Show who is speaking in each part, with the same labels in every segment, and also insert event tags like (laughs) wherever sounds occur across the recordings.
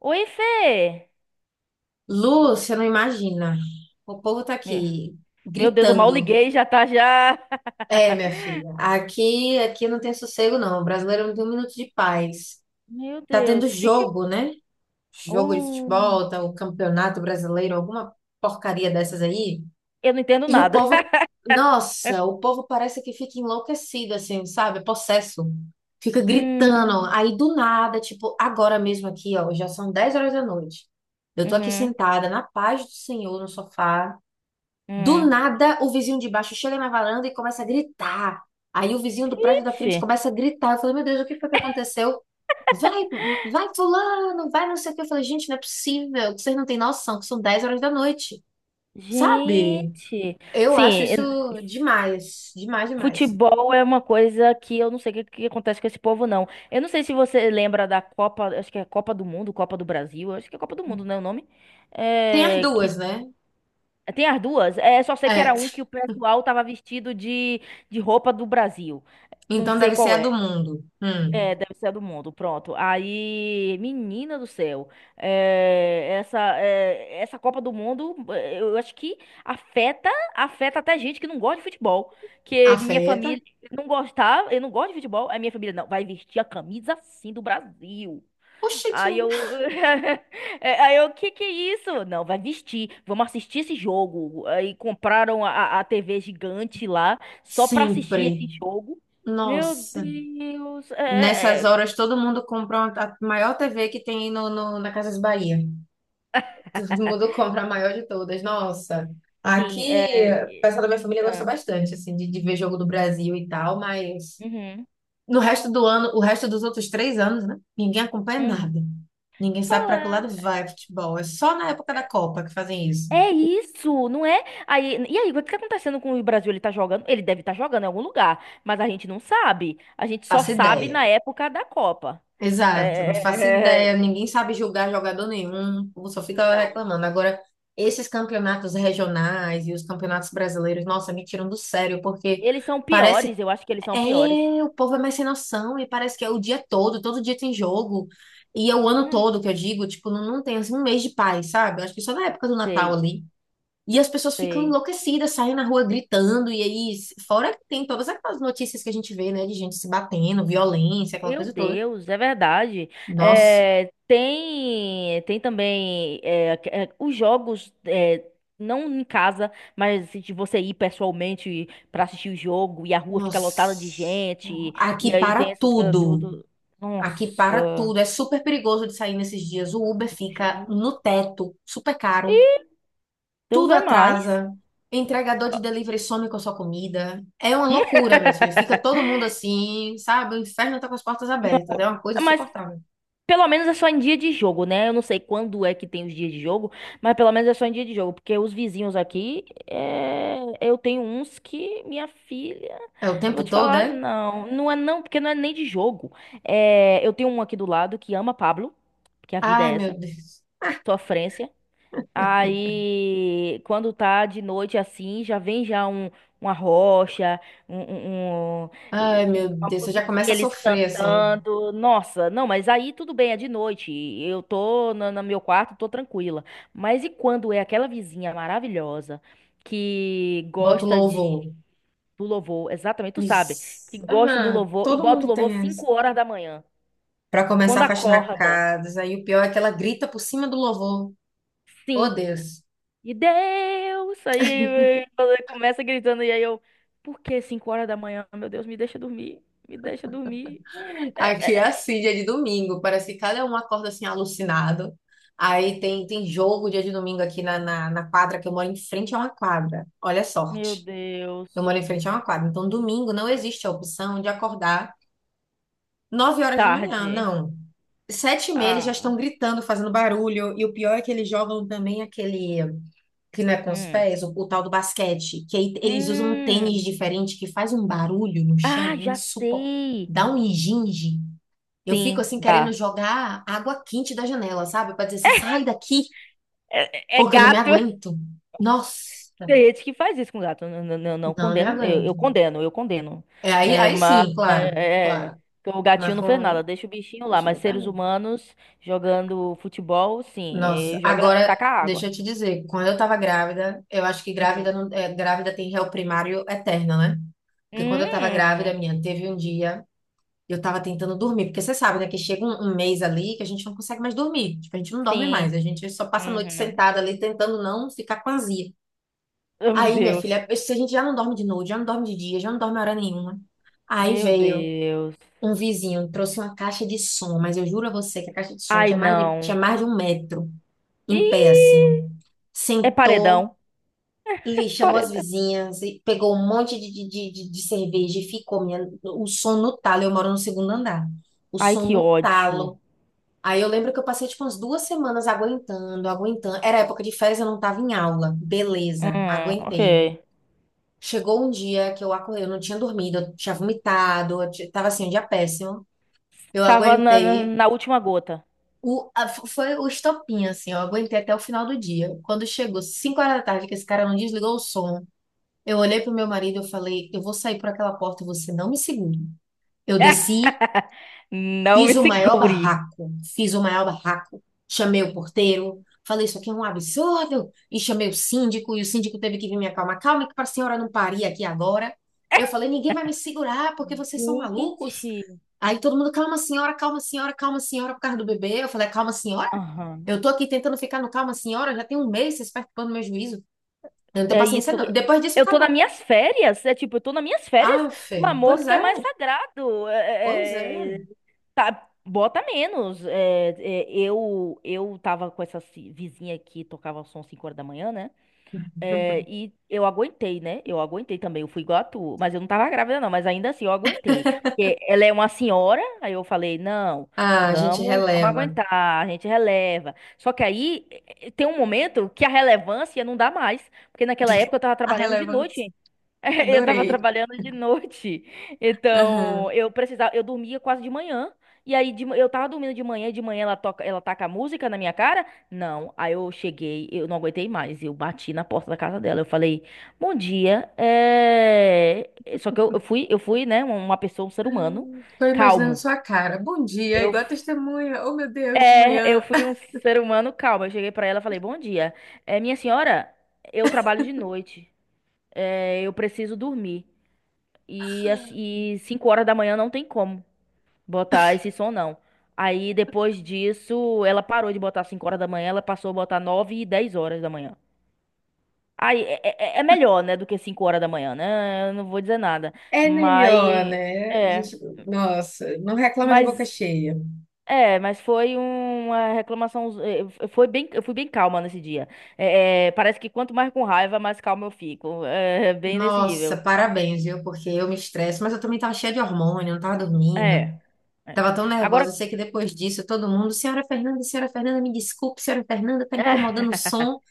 Speaker 1: Oi, Fê!
Speaker 2: Lu, você não imagina. O povo tá
Speaker 1: Me-
Speaker 2: aqui
Speaker 1: Meu Deus, eu mal
Speaker 2: gritando.
Speaker 1: liguei, e já tá já.
Speaker 2: É, minha
Speaker 1: (laughs)
Speaker 2: filha. Aqui não tem sossego, não. O brasileiro não tem um minuto de paz.
Speaker 1: Meu
Speaker 2: Tá tendo
Speaker 1: Deus, que que.
Speaker 2: jogo, né? Jogo de
Speaker 1: Uh,
Speaker 2: futebol, tá o Campeonato Brasileiro, alguma porcaria dessas aí.
Speaker 1: eu não entendo
Speaker 2: E o
Speaker 1: nada.
Speaker 2: povo,
Speaker 1: (laughs)
Speaker 2: nossa, o povo parece que fica enlouquecido, assim, sabe? É possesso. Fica gritando.
Speaker 1: Hum,
Speaker 2: Aí do nada, tipo, agora mesmo aqui, ó, já são 10 horas da noite. Eu tô aqui
Speaker 1: uhum,
Speaker 2: sentada na paz do Senhor no sofá. Do
Speaker 1: hum.
Speaker 2: nada, o vizinho de baixo chega na varanda e começa a gritar. Aí o vizinho do prédio da frente
Speaker 1: Ixi,
Speaker 2: começa a gritar. Eu falei, meu Deus, o que foi que aconteceu? Vai, vai fulano, vai não sei o que. Eu falei, gente, não é possível, que vocês não têm noção, que são 10 horas da noite, sabe?
Speaker 1: gente.
Speaker 2: Eu
Speaker 1: Sim,
Speaker 2: acho isso
Speaker 1: en-
Speaker 2: demais, demais, demais.
Speaker 1: futebol é uma coisa que eu não sei o que, que acontece com esse povo, não. Eu não sei se você lembra da Copa, acho que é Copa do Mundo, Copa do Brasil, acho que é Copa do Mundo, né, o nome?
Speaker 2: Tem as
Speaker 1: É, que
Speaker 2: duas, né?
Speaker 1: Tem as duas? É, só sei que
Speaker 2: É,
Speaker 1: era um que o pessoal tava vestido de roupa do Brasil. Não
Speaker 2: então
Speaker 1: sei
Speaker 2: deve ser
Speaker 1: qual
Speaker 2: a
Speaker 1: é.
Speaker 2: do mundo.
Speaker 1: É, deve ser a do mundo. Pronto. Aí, menina do céu, essa Copa do Mundo, eu acho que afeta, afeta até gente que não gosta de futebol. Que minha
Speaker 2: Afeta.
Speaker 1: família não gostava, eu não gosto de futebol, aí minha família não, vai vestir a camisa assim do Brasil.
Speaker 2: Oxente,
Speaker 1: Aí eu. (laughs) Aí eu, o que que é isso? Não, vai vestir. Vamos assistir esse jogo. Aí compraram a TV gigante lá só pra assistir esse
Speaker 2: sempre.
Speaker 1: jogo. Meu
Speaker 2: Nossa.
Speaker 1: Deus.
Speaker 2: Nessas horas, todo mundo compra a maior TV que tem na Casas Bahia. Todo mundo (laughs) compra a maior de todas. Nossa,
Speaker 1: Enfim,
Speaker 2: aqui o pessoal da minha família gosta
Speaker 1: ah,
Speaker 2: bastante, assim, de ver jogo do Brasil e tal, mas
Speaker 1: uhum,
Speaker 2: no resto do ano, o resto dos outros 3 anos, né? Ninguém acompanha
Speaker 1: uhum.
Speaker 2: nada. Ninguém sabe para que lado
Speaker 1: Fala.
Speaker 2: vai o futebol. É só na época da
Speaker 1: É
Speaker 2: Copa que fazem isso.
Speaker 1: é isso, não é? Aí, e aí, o que tá acontecendo com o Brasil? Ele tá jogando? Ele deve estar jogando em algum lugar, mas a gente não sabe. A gente só
Speaker 2: Faço
Speaker 1: sabe
Speaker 2: ideia.
Speaker 1: na época da Copa.
Speaker 2: Exato,
Speaker 1: É,
Speaker 2: não faço ideia,
Speaker 1: é, é,
Speaker 2: ninguém sabe julgar jogador nenhum, o povo só
Speaker 1: é,
Speaker 2: fica
Speaker 1: não.
Speaker 2: reclamando. Agora, esses campeonatos regionais e os campeonatos brasileiros, nossa, me tiram do sério, porque
Speaker 1: Eles são
Speaker 2: parece,
Speaker 1: piores, eu acho que eles são
Speaker 2: é,
Speaker 1: piores.
Speaker 2: o povo é mais sem noção e parece que é o dia todo, todo dia tem jogo, e é o ano
Speaker 1: Hum,
Speaker 2: todo que eu digo, tipo, não, não tem assim um mês de paz, sabe? Eu acho que só na época do Natal
Speaker 1: sei,
Speaker 2: ali. E as pessoas ficam
Speaker 1: sei.
Speaker 2: enlouquecidas, saem na rua gritando, e aí, fora que tem todas aquelas notícias que a gente vê, né, de gente se batendo, violência, aquela
Speaker 1: Meu
Speaker 2: coisa toda.
Speaker 1: Deus, é verdade.
Speaker 2: Nossa.
Speaker 1: Tem também os jogos, não em casa, mas se você ir pessoalmente pra assistir o jogo e a rua fica lotada de
Speaker 2: Nossa,
Speaker 1: gente, e
Speaker 2: aqui
Speaker 1: aí
Speaker 2: para
Speaker 1: tem essas coisas
Speaker 2: tudo.
Speaker 1: tudo.
Speaker 2: Aqui para
Speaker 1: Nossa,
Speaker 2: tudo. É super perigoso de sair nesses dias. O Uber fica no teto, super caro.
Speaker 1: Deus
Speaker 2: Tudo
Speaker 1: é mais.
Speaker 2: atrasa. Entregador de
Speaker 1: Ah,
Speaker 2: delivery some com a sua comida. É uma
Speaker 1: hum?
Speaker 2: loucura, meu filho. Fica todo mundo assim, sabe? O inferno tá com as portas abertas. É uma coisa
Speaker 1: Mas
Speaker 2: insuportável.
Speaker 1: pelo menos é só em dia de jogo, né? Eu não sei quando é que tem os dias de jogo, mas pelo menos é só em dia de jogo, porque os vizinhos aqui, eu tenho uns que minha filha,
Speaker 2: É o
Speaker 1: não
Speaker 2: tempo
Speaker 1: vou te
Speaker 2: todo,
Speaker 1: falar,
Speaker 2: é?
Speaker 1: não, não é não, porque não é nem de jogo. Eu tenho um aqui do lado que ama Pablo, porque a vida
Speaker 2: Ai,
Speaker 1: é essa,
Speaker 2: meu Deus.
Speaker 1: sofrência. Aí, quando tá de noite assim, já vem já um, uma rocha, um, um- um-
Speaker 2: Ai,
Speaker 1: e-
Speaker 2: meu
Speaker 1: uma
Speaker 2: Deus. Eu já
Speaker 1: musiquinha
Speaker 2: começo a
Speaker 1: eles
Speaker 2: sofrer, assim.
Speaker 1: cantando. Nossa, não, mas aí tudo bem, é de noite. Eu tô no meu quarto, tô tranquila. Mas e quando é aquela vizinha maravilhosa que
Speaker 2: Boto
Speaker 1: gosta de
Speaker 2: louvor.
Speaker 1: do louvor, exatamente, tu sabe, que
Speaker 2: Isso.
Speaker 1: gosta do
Speaker 2: Aham.
Speaker 1: louvor e
Speaker 2: Todo
Speaker 1: bota
Speaker 2: mundo
Speaker 1: o louvor
Speaker 2: tem essa.
Speaker 1: 5 horas da manhã,
Speaker 2: Para
Speaker 1: quando
Speaker 2: começar a faxinar
Speaker 1: acorda.
Speaker 2: casas. Aí o pior é que ela grita por cima do louvor. Oh,
Speaker 1: Sim.
Speaker 2: Deus.
Speaker 1: E Deus! Aí ela começa gritando, e aí eu, por que 5 horas da manhã? Meu Deus, me deixa dormir, me deixa dormir. É,
Speaker 2: Aqui é
Speaker 1: é, é.
Speaker 2: assim, dia de domingo. Parece que cada um acorda assim, alucinado. Aí tem, tem jogo dia de domingo aqui na quadra, que eu moro em frente a uma quadra. Olha a
Speaker 1: Meu
Speaker 2: sorte. Eu
Speaker 1: Deus,
Speaker 2: moro em frente a uma quadra. Então, domingo não existe a opção de acordar 9 horas da manhã.
Speaker 1: tarde.
Speaker 2: Não. 7:30 eles já
Speaker 1: Ah,
Speaker 2: estão gritando, fazendo barulho. E o pior é que eles jogam também aquele, que não é com os
Speaker 1: hum.
Speaker 2: pés, o tal do basquete, que aí eles usam um tênis
Speaker 1: Hum.
Speaker 2: diferente que faz um barulho no
Speaker 1: Ah,
Speaker 2: chão,
Speaker 1: já
Speaker 2: insuportável.
Speaker 1: sei.
Speaker 2: Dá um ginge. Eu fico
Speaker 1: Sim,
Speaker 2: assim querendo
Speaker 1: dá.
Speaker 2: jogar água quente da janela, sabe? Pra dizer assim, sai daqui,
Speaker 1: É, é
Speaker 2: porque eu não me
Speaker 1: gato.
Speaker 2: aguento. Nossa,
Speaker 1: Tem gente que faz isso com gato. Não, não, não, não
Speaker 2: não, não me
Speaker 1: condeno. Eu,
Speaker 2: aguento.
Speaker 1: eu condeno, eu condeno.
Speaker 2: É, aí, aí
Speaker 1: Mas
Speaker 2: sim, claro, claro.
Speaker 1: que o gatinho
Speaker 2: Mas
Speaker 1: não fez nada,
Speaker 2: com.
Speaker 1: deixa o bichinho lá.
Speaker 2: Poxa,
Speaker 1: Mas
Speaker 2: meu pai
Speaker 1: seres
Speaker 2: não.
Speaker 1: humanos jogando futebol, sim.
Speaker 2: Nossa,
Speaker 1: E joga,
Speaker 2: agora,
Speaker 1: taca
Speaker 2: deixa
Speaker 1: água.
Speaker 2: eu te dizer, quando eu tava grávida, eu acho que grávida,
Speaker 1: Hum.
Speaker 2: não, é, grávida tem réu primário eterno, né? Porque quando eu tava grávida,
Speaker 1: Hum,
Speaker 2: minha, teve um dia. Eu tava tentando dormir, porque você sabe, né, que chega um, mês ali que a gente não consegue mais dormir. Tipo, a gente não dorme
Speaker 1: sim.
Speaker 2: mais, a gente só passa a noite
Speaker 1: Uhum.
Speaker 2: sentada ali tentando não ficar com azia.
Speaker 1: Oh, meu
Speaker 2: Aí, minha
Speaker 1: Deus.
Speaker 2: filha, se a gente já não dorme de noite, já não dorme de dia, já não dorme hora nenhuma. Aí
Speaker 1: Meu
Speaker 2: veio
Speaker 1: Deus.
Speaker 2: um vizinho, trouxe uma caixa de som, mas eu juro a você que a caixa de som
Speaker 1: Ai,
Speaker 2: tinha
Speaker 1: não.
Speaker 2: mais de um metro em pé, assim.
Speaker 1: Ih, é
Speaker 2: Sentou,
Speaker 1: paredão.
Speaker 2: li, chamou as
Speaker 1: Paredão.
Speaker 2: vizinhas, e pegou um monte de cerveja e ficou minha, o som no talo. Eu moro no segundo andar. O
Speaker 1: Ai,
Speaker 2: som
Speaker 1: que
Speaker 2: no
Speaker 1: ódio.
Speaker 2: talo. Aí eu lembro que eu passei tipo umas 2 semanas aguentando, aguentando. Era época de férias, eu não tava em aula. Beleza,
Speaker 1: Ok.
Speaker 2: aguentei. Chegou um dia que eu acordei, eu não tinha dormido, eu tinha vomitado, eu tava assim, um dia péssimo. Eu
Speaker 1: Tava na, na,
Speaker 2: aguentei.
Speaker 1: na última gota.
Speaker 2: Foi o estopim, assim, eu aguentei até o final do dia. Quando chegou 5 horas da tarde, que esse cara não desligou o som, eu olhei pro meu marido e eu falei, eu vou sair por aquela porta e você não me segura. Eu
Speaker 1: (laughs)
Speaker 2: desci.
Speaker 1: Não
Speaker 2: Fiz
Speaker 1: me
Speaker 2: o maior
Speaker 1: segure.
Speaker 2: barraco, fiz o maior barraco. Chamei o porteiro, falei isso aqui é um absurdo, e chamei o síndico, e o síndico teve que vir me acalmar. Calma que para a senhora não parir aqui agora. Eu falei, ninguém vai me segurar, porque vocês são malucos.
Speaker 1: Gente,
Speaker 2: Aí todo mundo, calma senhora, calma senhora, calma senhora, por causa do bebê. Eu falei, "É calma senhora?
Speaker 1: aham.
Speaker 2: Eu tô aqui tentando ficar no calma senhora, já tem um mês vocês perturbando meu juízo. Eu não tenho
Speaker 1: É
Speaker 2: paciência
Speaker 1: isso.
Speaker 2: não. Depois disso,
Speaker 1: Eu tô nas
Speaker 2: acabou.
Speaker 1: minhas férias. É tipo, eu tô nas minhas férias,
Speaker 2: Ah,
Speaker 1: pelo
Speaker 2: Fê,
Speaker 1: amor
Speaker 2: pois
Speaker 1: do que é
Speaker 2: é,
Speaker 1: mais sagrado.
Speaker 2: pois é.
Speaker 1: Tá, bota menos. Eu tava com essa vizinha que tocava som 5 horas da manhã, né? É, e eu aguentei, né? Eu aguentei também. Eu fui igual a tu, mas eu não tava grávida, não. Mas ainda assim, eu aguentei. Porque ela é uma senhora, aí eu falei: não,
Speaker 2: Ah, a gente
Speaker 1: vamos
Speaker 2: releva.
Speaker 1: aguentar, a gente releva. Só que aí tem um momento que a relevância não dá mais. Porque naquela
Speaker 2: (laughs)
Speaker 1: época eu tava
Speaker 2: A
Speaker 1: trabalhando de
Speaker 2: relevância.
Speaker 1: noite. (laughs) Eu tava
Speaker 2: Adorei.
Speaker 1: trabalhando de noite, então
Speaker 2: Aham.
Speaker 1: eu precisava, eu dormia quase de manhã. E aí eu tava dormindo de manhã, e de manhã ela toca, ela taca a música na minha cara? Não. Aí eu cheguei, eu não aguentei mais, eu bati na porta da casa dela. Eu falei: "Bom dia". Só que eu fui, né, uma pessoa, um ser humano
Speaker 2: Tô imaginando
Speaker 1: calmo.
Speaker 2: sua cara. Bom dia,
Speaker 1: Eu
Speaker 2: igual a
Speaker 1: f-
Speaker 2: testemunha. Oh, meu Deus, de
Speaker 1: eu
Speaker 2: manhã.
Speaker 1: fui um ser humano calmo. Eu cheguei pra ela e falei: "Bom dia. Minha senhora, eu trabalho de noite. Eu preciso dormir. E 5 horas da manhã não tem como botar esse som, não. Aí depois disso, ela parou de botar 5 horas da manhã, ela passou a botar 9 e 10 horas da manhã. Aí é melhor, né, do que 5 horas da manhã, né? Eu não vou dizer nada.
Speaker 2: É melhor,
Speaker 1: Mas
Speaker 2: né? A
Speaker 1: é,
Speaker 2: gente, nossa, não reclama de boca
Speaker 1: mas
Speaker 2: cheia.
Speaker 1: mas foi uma reclamação, foi bem, eu fui bem calma nesse dia. Parece que quanto mais com raiva, mais calma eu fico. É, bem nesse
Speaker 2: Nossa,
Speaker 1: nível.
Speaker 2: parabéns, viu? Porque eu me estresso, mas eu também tava cheia de hormônio, não tava dormindo.
Speaker 1: É. É.
Speaker 2: Tava tão
Speaker 1: Agora,
Speaker 2: nervosa. Eu sei que depois disso, todo mundo, senhora Fernanda, me desculpe, senhora Fernanda, tá
Speaker 1: é,
Speaker 2: incomodando o som.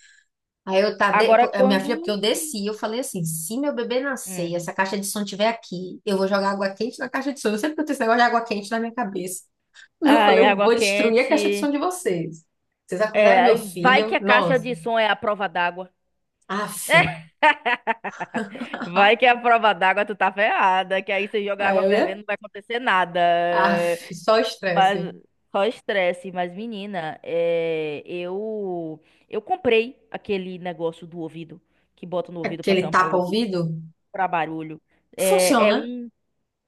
Speaker 2: Aí eu tá,
Speaker 1: agora
Speaker 2: a minha filha, porque eu
Speaker 1: quando
Speaker 2: desci, eu falei assim, se meu bebê nascer,
Speaker 1: hum.
Speaker 2: e essa caixa de som tiver aqui, eu vou jogar água quente na caixa de som. Eu sempre que eu tenho esse negócio de água quente na minha cabeça. (laughs) Eu
Speaker 1: Ah,
Speaker 2: falei,
Speaker 1: e
Speaker 2: eu
Speaker 1: água
Speaker 2: vou destruir a caixa de
Speaker 1: quente.
Speaker 2: som de vocês. Vocês
Speaker 1: É,
Speaker 2: acordaram meu
Speaker 1: aí vai que
Speaker 2: filho?
Speaker 1: a caixa de
Speaker 2: Nossa.
Speaker 1: som é a prova d'água.
Speaker 2: Af.
Speaker 1: (laughs) Vai que é
Speaker 2: (laughs)
Speaker 1: a prova d'água, tu tá ferrada, que aí você joga
Speaker 2: Aí
Speaker 1: água
Speaker 2: eu ia,
Speaker 1: fervendo, não vai acontecer nada.
Speaker 2: af, só
Speaker 1: Mas
Speaker 2: estresse.
Speaker 1: só estresse. Mas, menina, eu comprei aquele negócio do ouvido que bota no ouvido pra
Speaker 2: Aquele
Speaker 1: tampar o ouvido,
Speaker 2: tapa-ouvido?
Speaker 1: pra barulho. É, é
Speaker 2: Funciona.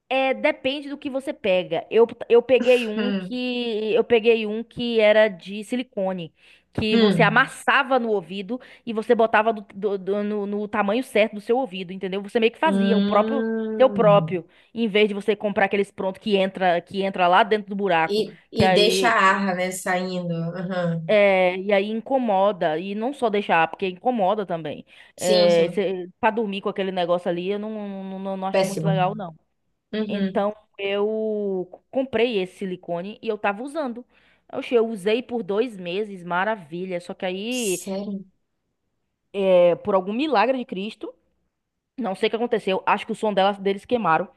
Speaker 1: depende do que você pega. Eu, eu peguei um
Speaker 2: Hum,
Speaker 1: que eu peguei um que era de silicone, que você
Speaker 2: hum,
Speaker 1: amassava no ouvido e você botava no tamanho certo do seu ouvido, entendeu? Você meio que fazia o próprio teu
Speaker 2: hum.
Speaker 1: próprio, em vez de você comprar aqueles pronto que entra lá dentro do buraco, que
Speaker 2: E deixa
Speaker 1: aí
Speaker 2: a
Speaker 1: que-
Speaker 2: arra, né, saindo. Aham.
Speaker 1: é, e aí incomoda e não só deixar, porque incomoda também.
Speaker 2: Sim, sim.
Speaker 1: Pra dormir com aquele negócio ali, eu não acho muito
Speaker 2: Péssimo.
Speaker 1: legal,
Speaker 2: Uhum.
Speaker 1: então eu comprei esse silicone e eu tava usando. Oxe, eu usei por 2 meses, maravilha. Só que aí,
Speaker 2: Sério?
Speaker 1: por algum milagre de Cristo, não sei o que aconteceu. Acho que o som dela, deles queimaram.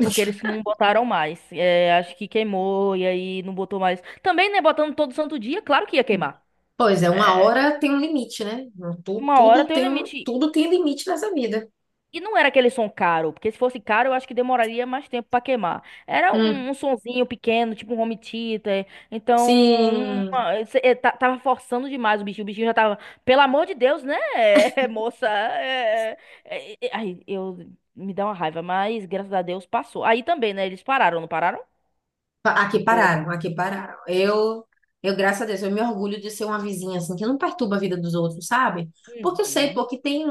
Speaker 1: Porque eles não botaram mais. É, acho que queimou e aí não botou mais. Também, né? Botando todo santo dia, claro que ia queimar.
Speaker 2: Pois é, uma hora tem um limite, né? Tudo,
Speaker 1: Uma hora
Speaker 2: tudo
Speaker 1: tem um
Speaker 2: tem um,
Speaker 1: limite.
Speaker 2: tudo tem limite nessa vida.
Speaker 1: E não era aquele som caro, porque se fosse caro, eu acho que demoraria mais tempo pra queimar. Era
Speaker 2: Hum,
Speaker 1: um sonzinho pequeno, tipo um home theater. Então,
Speaker 2: sim,
Speaker 1: tava forçando demais o bichinho. O bichinho já tava, pelo amor de Deus, né, (laughs) moça? Ai, eu me dá uma raiva, mas graças a Deus passou. Aí também, né? Eles pararam, não pararam?
Speaker 2: Aqui
Speaker 1: Ou não?
Speaker 2: pararam, aqui pararam. Eu, graças a Deus, eu me orgulho de ser uma vizinha assim que não perturba a vida dos outros, sabe? Porque eu sei,
Speaker 1: Uhum.
Speaker 2: porque tem,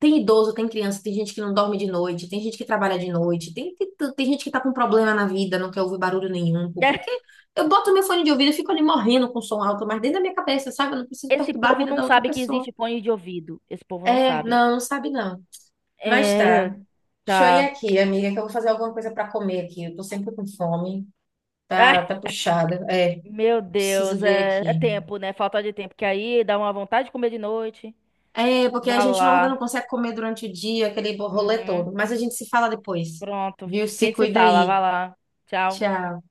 Speaker 2: tem idoso, tem criança, tem gente que não dorme de noite, tem gente que trabalha de noite, tem tem, tem gente que tá com problema na vida, não quer ouvir barulho nenhum. Pô, pra quê?
Speaker 1: (laughs)
Speaker 2: Eu boto meu fone de ouvido e fico ali morrendo com som alto, mas dentro da minha cabeça, sabe? Eu não preciso
Speaker 1: Esse
Speaker 2: perturbar a
Speaker 1: povo
Speaker 2: vida
Speaker 1: não
Speaker 2: da outra
Speaker 1: sabe que
Speaker 2: pessoa.
Speaker 1: existe fone de ouvido. Esse povo não
Speaker 2: É,
Speaker 1: sabe.
Speaker 2: não, não sabe não. Mas tá.
Speaker 1: É,
Speaker 2: Deixa eu ir
Speaker 1: tá.
Speaker 2: aqui, amiga, que eu vou fazer alguma coisa pra comer aqui. Eu tô sempre com fome.
Speaker 1: (laughs)
Speaker 2: Tá, tá puxada. É,
Speaker 1: Meu
Speaker 2: preciso
Speaker 1: Deus,
Speaker 2: ver
Speaker 1: é
Speaker 2: aqui.
Speaker 1: tempo, né? Falta de tempo. Que aí dá uma vontade de comer de noite.
Speaker 2: É, porque a
Speaker 1: Vá
Speaker 2: gente não
Speaker 1: lá.
Speaker 2: consegue comer durante o dia, aquele rolê
Speaker 1: Uhum.
Speaker 2: todo. Mas a gente se fala depois.
Speaker 1: Pronto.
Speaker 2: Viu?
Speaker 1: A
Speaker 2: Se
Speaker 1: gente se
Speaker 2: cuida
Speaker 1: fala. Vá
Speaker 2: aí.
Speaker 1: lá. Tchau.
Speaker 2: Tchau.